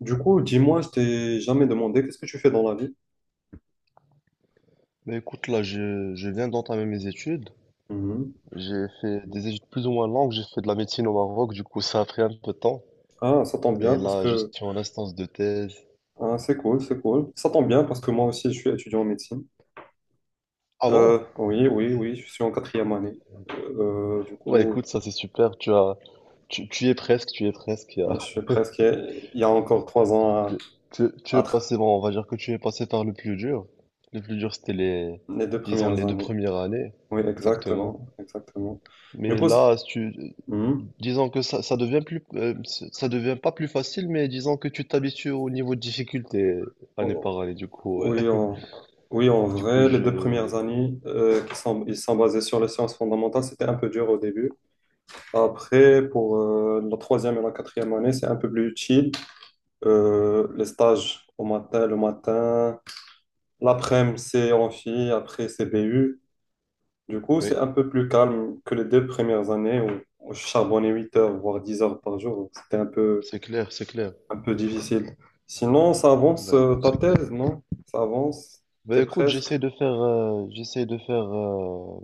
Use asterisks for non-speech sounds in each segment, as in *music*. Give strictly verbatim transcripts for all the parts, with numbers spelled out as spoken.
Du coup, dis-moi, je t'ai jamais demandé qu'est-ce que tu fais dans la vie? Bah écoute, là, je, je viens d'entamer mes études. Mhm. J'ai fait des études plus ou moins longues. J'ai fait de la médecine au Maroc, du coup, ça a pris un peu de temps. Ah, ça tombe bien Et parce là, je suis que en instance de thèse. ah, c'est cool, c'est cool. Ça tombe bien parce que moi aussi, je suis étudiant en médecine. Ah bon? Euh, oui, oui, oui, je suis en quatrième année. Euh, euh, du Ouais, coup, écoute, ça c'est super. Tu as, tu, tu y es presque, tu y es presque. y je a- suis presque. Il y a encore trois ans *laughs* à, Tu, tu, tu à es tra- passé, bon, on va dire que tu es passé par le plus dur. Le plus dur, c'était les, les deux disons, premières les deux années. premières années. Oui, Exactement. exactement, exactement. Du Mais coup, c'est- là, si tu, mhm. disons que ça, ça devient plus, euh, c- ça devient pas plus facile, mais disons que tu t'habitues au niveau de difficulté année Oh, par année. Du coup, ouais. oui, *laughs* en, oui, en Du coup, vrai, les deux je, premières années euh, qui sont, ils sont basées sur les sciences fondamentales, c'était un peu dur au début. Après, pour euh, la troisième et la quatrième année, c'est un peu plus utile. Euh, les stages au matin, le matin. L'après-midi, c'est amphi, après, c'est B U. Du coup, oui, c'est un peu plus calme que les deux premières années où, où je charbonnais huit heures, voire dix heures par jour. C'était un peu, c'est clair, c'est clair. un peu difficile. Sinon, ça avance Bah euh, écoute, ta c'est clair. thèse, non? Ça avance, Bah t'es écoute, presque. j'essaie de faire, euh, j'essaie de faire euh,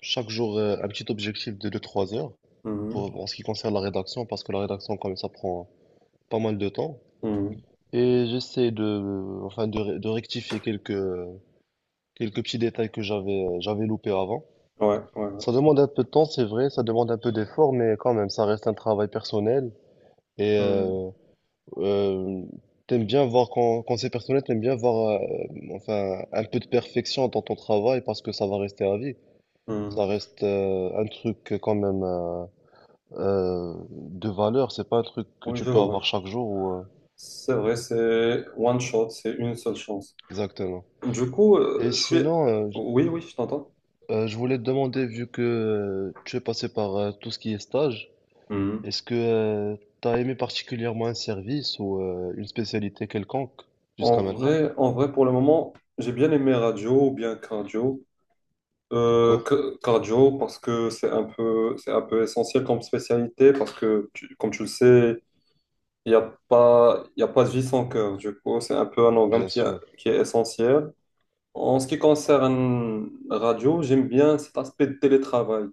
chaque jour euh, un petit objectif de deux trois heures Mhm. pour, en ce qui concerne la rédaction, parce que la rédaction, quand même, ça prend pas mal de temps. Mhm. Et j'essaie de, enfin, de, ré- de rectifier quelques, quelques petits détails que j'avais, euh, j'avais loupés avant. Ouais, ouais, ouais. Ça demande un peu de temps, c'est vrai, ça demande un peu d'effort, mais quand même, ça reste un travail personnel. Et Mhm. euh, euh, t'aimes bien voir, quand, quand c'est personnel, t'aimes bien voir, euh, enfin, un peu de perfection dans ton travail parce que ça va rester à vie. Mhm. Ça reste euh, un truc quand même, euh, euh, de valeur, c'est pas un truc que Oui, tu je peux vois. avoir chaque jour. Ou, euh, C'est vrai, c'est one shot, c'est une seule chance. Exactement. Du coup, Et euh, je suis... sinon, euh, je Oui, oui, je t'entends. euh, je voulais te demander, vu que euh, tu es passé par euh, tout ce qui est stage. Mhm. Est-ce que tu t'as aimé particulièrement un service ou euh, une spécialité quelconque En jusqu'à maintenant? vrai, en vrai, pour le moment, j'ai bien aimé radio ou bien cardio. Euh, Encore? ca- cardio parce que c'est un peu, c'est un peu essentiel comme spécialité parce que, tu- comme tu le sais, il n'y a pas, il y a pas de vie sans cœur. Du coup, c'est un peu un organe Bien qui, a- sûr, qui est essentiel. En ce qui concerne la radio, j'aime bien cet aspect de télétravail.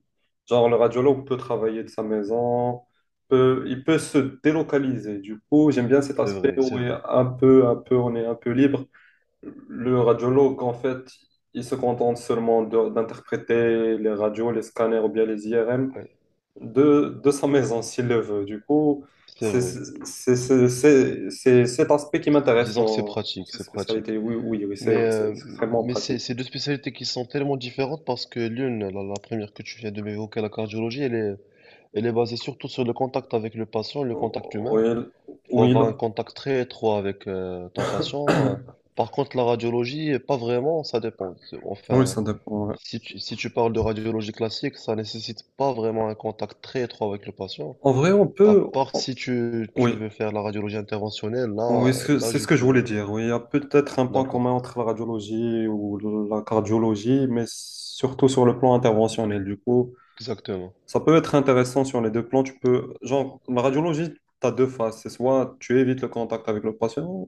Genre, le radiologue peut travailler de sa maison, peut, il peut se délocaliser. Du coup, j'aime bien cet c'est aspect vrai, où c'est il est vrai. un peu, un peu, on est un peu libre. Le radiologue, en fait, il se contente seulement de- d'interpréter les radios, les scanners ou bien les I R M Ouais, de, de sa maison s'il le veut. Du coup, c'est c'est vrai. c'est- c'est- c'est- c'est cet aspect qui m'intéresse Disons que c'est dans, dans pratique, ces c'est pratique. spécialités. Oui, oui, oui, c'est Mais, c'est euh, extrêmement mais c'est pratique. c'est deux spécialités qui sont tellement différentes parce que l'une, la, la première que tu viens de m'évoquer, la cardiologie, elle est, elle est basée surtout sur le contact avec le patient, le contact Oui, humain. Il faut oui, avoir un contact très étroit avec euh, ton patient. euh. Par contre, la radiologie, pas vraiment, ça dépend. oui, Enfin, ça dépend. Ouais. Si tu, si tu parles de radiologie classique, ça nécessite pas vraiment un contact très étroit avec le patient. En vrai, on À peut. part on- si tu, tu Oui, veux faire la radiologie interventionnelle, oui, là, c'est là, c'est je ce que je voulais peux. dire. Oui, il y a peut-être un point D'accord. commun entre la radiologie ou la cardiologie, mais surtout sur le plan interventionnel. Du coup, Exactement. ça peut être intéressant sur les deux plans. Tu peux, genre, la radiologie, tu as deux phases. C'est soit tu évites le contact avec le patient,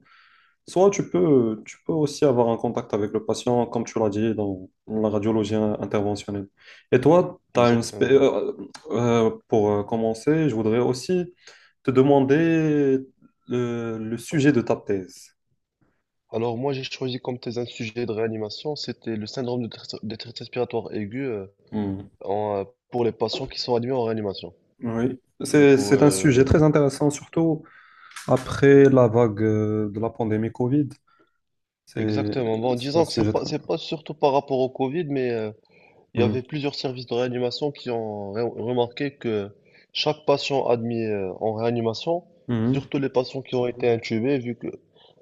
soit tu peux, tu peux aussi avoir un contact avec le patient, comme tu l'as dit, dans la radiologie interventionnelle. Et toi, tu as une spé- Exactement. euh, euh, pour euh, commencer, je voudrais aussi te demander le, le sujet de ta thèse. Alors, moi, j'ai choisi comme thèse un sujet de réanimation. C'était le syndrome de détresse détresse respiratoire aiguë, euh, Hmm. en, euh, pour les patients qui sont admis en réanimation. Oui, Du c'est, coup, c'est un sujet euh, très intéressant, surtout après la vague euh, de la pandémie Covid. C'est, exactement. Bon, c'est un disons que c'est sujet pas, très... c'est pas surtout par rapport au Covid, mais. euh, Il y avait Hmm. plusieurs services de réanimation qui ont re- remarqué que chaque patient admis euh, en réanimation, Hmm. surtout les patients qui ont été intubés, vu que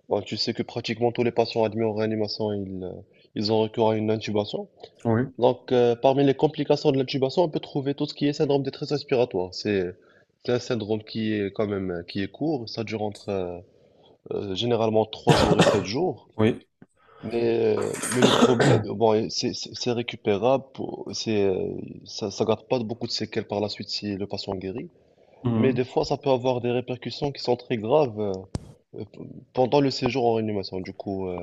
bah, tu sais que pratiquement tous les patients admis en réanimation, ils, euh, ils ont recours à une intubation. Oui, Donc, euh, parmi les complications de l'intubation, on peut trouver tout ce qui est syndrome détresse respiratoire. C'est c'est un syndrome qui est quand même, euh, qui est court. Ça dure entre, euh, euh, généralement trois jours et sept jours. oui. Mais, euh, mais le problème, bon, et c'est c'est- c'est récupérable, pour- c'est, euh, ça ne garde pas beaucoup de séquelles par la suite si le patient guérit, mais Hmm. des fois ça peut avoir des répercussions qui sont très graves, euh, euh, p- pendant le séjour en réanimation. Du coup, euh,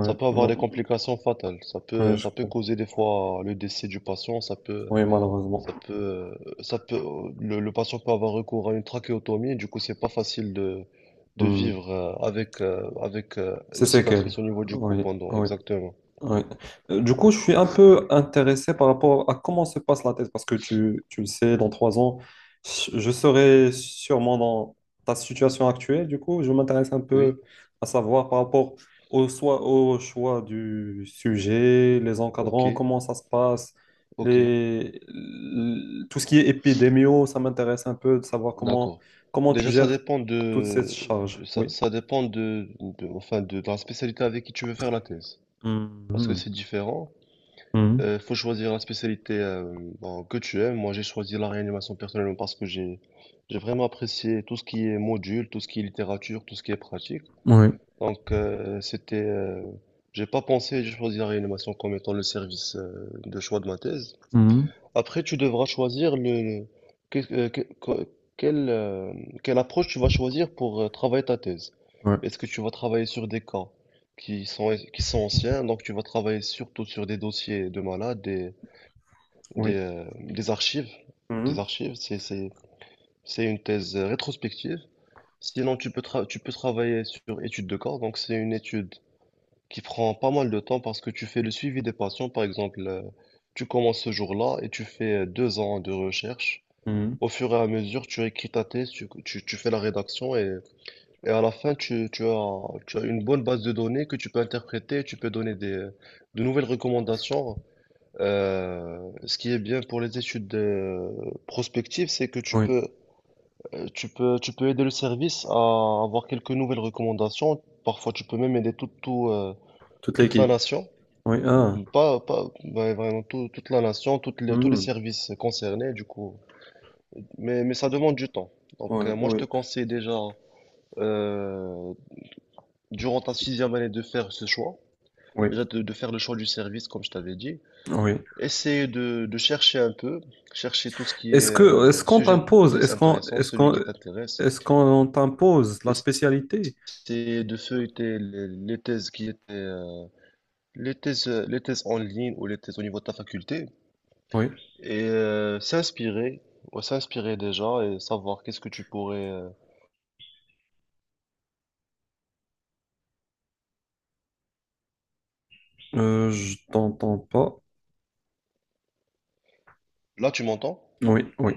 ça peut avoir ouais. des complications fatales. Ça Ouais, peut, je ça peut comprends. causer des fois le décès du patient. ça peut, Oui, malheureusement. ça peut, euh, ça peut, le, le patient peut avoir recours à une trachéotomie, du coup c'est pas facile de, de Hmm. vivre, euh, avec, euh, avec euh, C'est une cicatrice séquelles. au niveau du cou Oui, pendant, oui, exactement. oui. Euh, Du coup, je suis un peu intéressé par rapport à comment se passe la thèse, parce que tu, tu le sais, dans trois ans, je je serai sûrement dans ta situation actuelle. Du coup, je m'intéresse un Oui, peu à savoir par rapport au, soi- au choix du sujet, les ok, encadrants, comment ça se passe, ok, les, l- tout ce qui est épidémio, ça m'intéresse un peu de savoir comment, d'accord. comment tu Déjà, ça gères dépend toute de, cette charge. ça, Oui. ça dépend de, de- enfin, de, de la spécialité avec qui tu veux faire la thèse, parce que Mhm. c'est différent. Mhm. Il faut choisir la spécialité, euh, bon, que tu aimes. Moi, j'ai choisi la réanimation personnellement parce que j'ai, j'ai vraiment apprécié tout ce qui est module, tout ce qui est littérature, tout ce qui est pratique. Oui. Donc, euh, c'était, euh, j'ai pas pensé, j'ai choisi la réanimation comme étant le service euh, de choix de ma thèse. Mhm. Après, tu devras choisir le, le- que- euh, que- que- quelle, euh, quelle approche tu vas choisir pour euh, travailler ta thèse. Ouais. Est-ce que tu vas travailler sur des cas qui sont, qui sont anciens, donc tu vas travailler surtout sur des dossiers de malades, des, des, Oui. euh, des archives. Des Mhm. archives, c'est, c'est, c'est une thèse, euh, rétrospective. Sinon, tu peux, tra- tu peux travailler sur étude de cas, donc c'est une étude qui prend pas mal de temps parce que tu fais le suivi des patients, par exemple. Euh, tu commences ce jour-là et tu fais euh, deux ans de recherche Mhm. au fur et à mesure. Tu écris ta thèse, tu, tu- tu fais la rédaction, et, et à la fin, tu, tu as, tu as une bonne base de données que tu peux interpréter, tu peux donner des, de nouvelles recommandations. Euh, ce qui est bien pour les études, euh, prospectives, c'est que tu Oui. peux, euh, tu peux, tu peux aider le service à avoir quelques nouvelles recommandations. Parfois, tu peux même aider tout, tout, euh, Toute toute la l'équipe. nation. Oui. Ah. Pas, pas, ouais, vraiment tout- toute la nation, toutes les, tous les Mhm. services concernés, du coup. Mais, mais ça demande du temps. Donc, Oui. euh, moi, je Oui. te conseille déjà, euh, durant ta sixième année, de faire ce choix. Oui. Déjà, de, de faire le choix du service, comme je t'avais dit. Oui. Essayer de, de chercher un peu, chercher tout ce qui est Est-ce que est-ce euh, qu'on sujet de t'impose, thèse est-ce qu'on intéressant, est-ce celui qu'on qui t'intéresse. est-ce qu'on t'impose la spécialité? Essayer de feuilleter les, les thèses qui étaient, euh, les thèses, euh, les thèses en ligne ou les thèses au niveau de ta faculté. Oui. Et euh, s'inspirer, ouais, s'inspirer déjà et savoir qu'est-ce que tu pourrais. euh, Euh, je t'entends pas. Là, tu m'entends? Oui. Oui.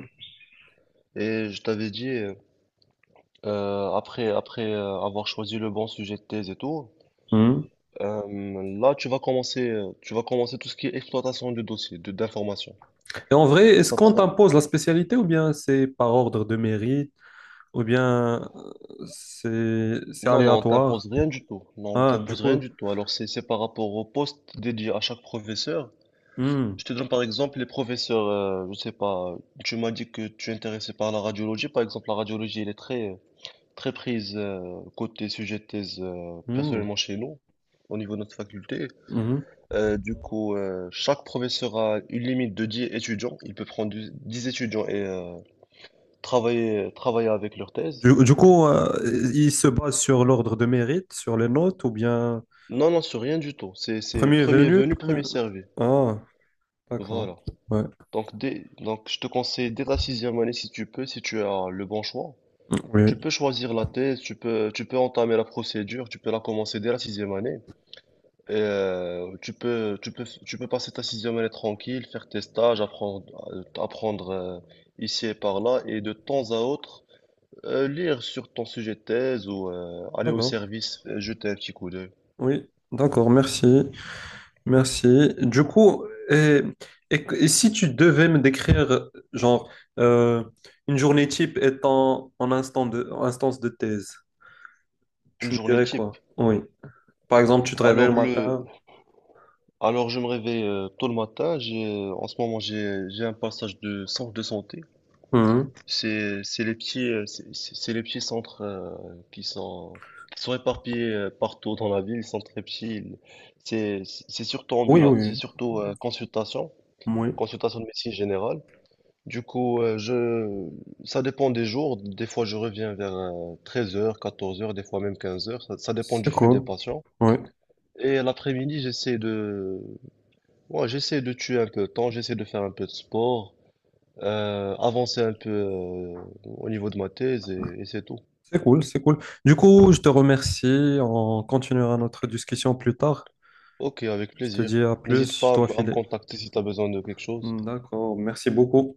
Et je t'avais dit. Euh, Euh, après après euh, avoir choisi le bon sujet de thèse et tout, Mhm. euh, là tu vas commencer euh, tu vas commencer tout ce qui est exploitation du dossier, de d'information. Et en vrai, est-ce Ça qu'on prend. t'impose la spécialité ou bien c'est par ordre de mérite ou bien euh, c'est c'est Non, non, on aléatoire? t'impose rien du tout. Non, on Ah, du t'impose rien coup. du tout. Alors c'est c'est par rapport au poste dédié à chaque professeur. Je te donne par exemple les professeurs. Euh, je sais pas. Tu m'as dit que tu es intéressé par la radiologie. Par exemple, la radiologie, elle est très très prise, euh, côté sujet de thèse, euh, Mhm. personnellement chez nous, au niveau de notre faculté. Mhm. Euh, du coup, euh, chaque professeur a une limite de dix étudiants. Il peut prendre du- dix étudiants et euh, travailler, travailler avec leur thèse. Du, du coup, euh, il se base sur l'ordre de mérite, sur les notes, ou bien Non, non, c'est rien du tout. C'est, c'est premier premier venu, venu, premier... premier servi. Ah, d'accord. Voilà. Ouais. Donc, dès- donc, je te conseille dès ta sixième année, si tu peux, si tu as le bon choix. Tu Oui. peux choisir la thèse, tu peux, tu peux entamer la procédure, tu peux la commencer dès la sixième année. Et, euh, tu peux, tu peux, tu peux passer ta sixième année tranquille, faire tes stages, apprendre, euh, apprendre euh, ici et par là, et de temps à autre, Euh, lire sur ton sujet de thèse ou euh, aller au D'accord. service, euh, jeter un petit coup d'œil. Oui. D'accord, merci. Merci. Du coup, et, et- et si tu devais me décrire, genre, euh, une journée type étant en instant de, en instance de thèse, Une tu me journée dirais type. quoi? Oui. Par exemple, tu te réveilles le Alors le, matin. alors je me réveille euh, tôt le matin. J'ai, euh, en ce moment j'ai, j'ai un passage de centre de santé. Mhm. C'est, c'est les petits, euh, c'est c'est- c'est les petits centres euh, qui sont, qui sont éparpillés euh, partout dans la ville. Ils sont très petits. Ils- C'est, c'est surtout Oui, ambulance, c'est oui. surtout euh, consultation, Oui. Oui. consultation de médecine générale. Du coup, euh, je... Ça dépend des jours. Des fois, je reviens vers 13 heures, 14 heures, des fois même 15 heures. Ça, ça dépend C'est du flux des cool. patients. Oui. Et l'après-midi, j'essaie de... ouais, j'essaie de tuer un peu de temps, j'essaie de faire un peu de sport, euh, avancer un peu euh, au niveau de ma thèse, et, et c'est tout. C'est cool, c'est cool. Du coup, je te remercie. On continuera notre discussion plus tard. Ok, avec Je te dis plaisir. à N'hésite plus, je pas à dois m- à me filer. contacter si tu as besoin de quelque chose. D'accord, merci beaucoup.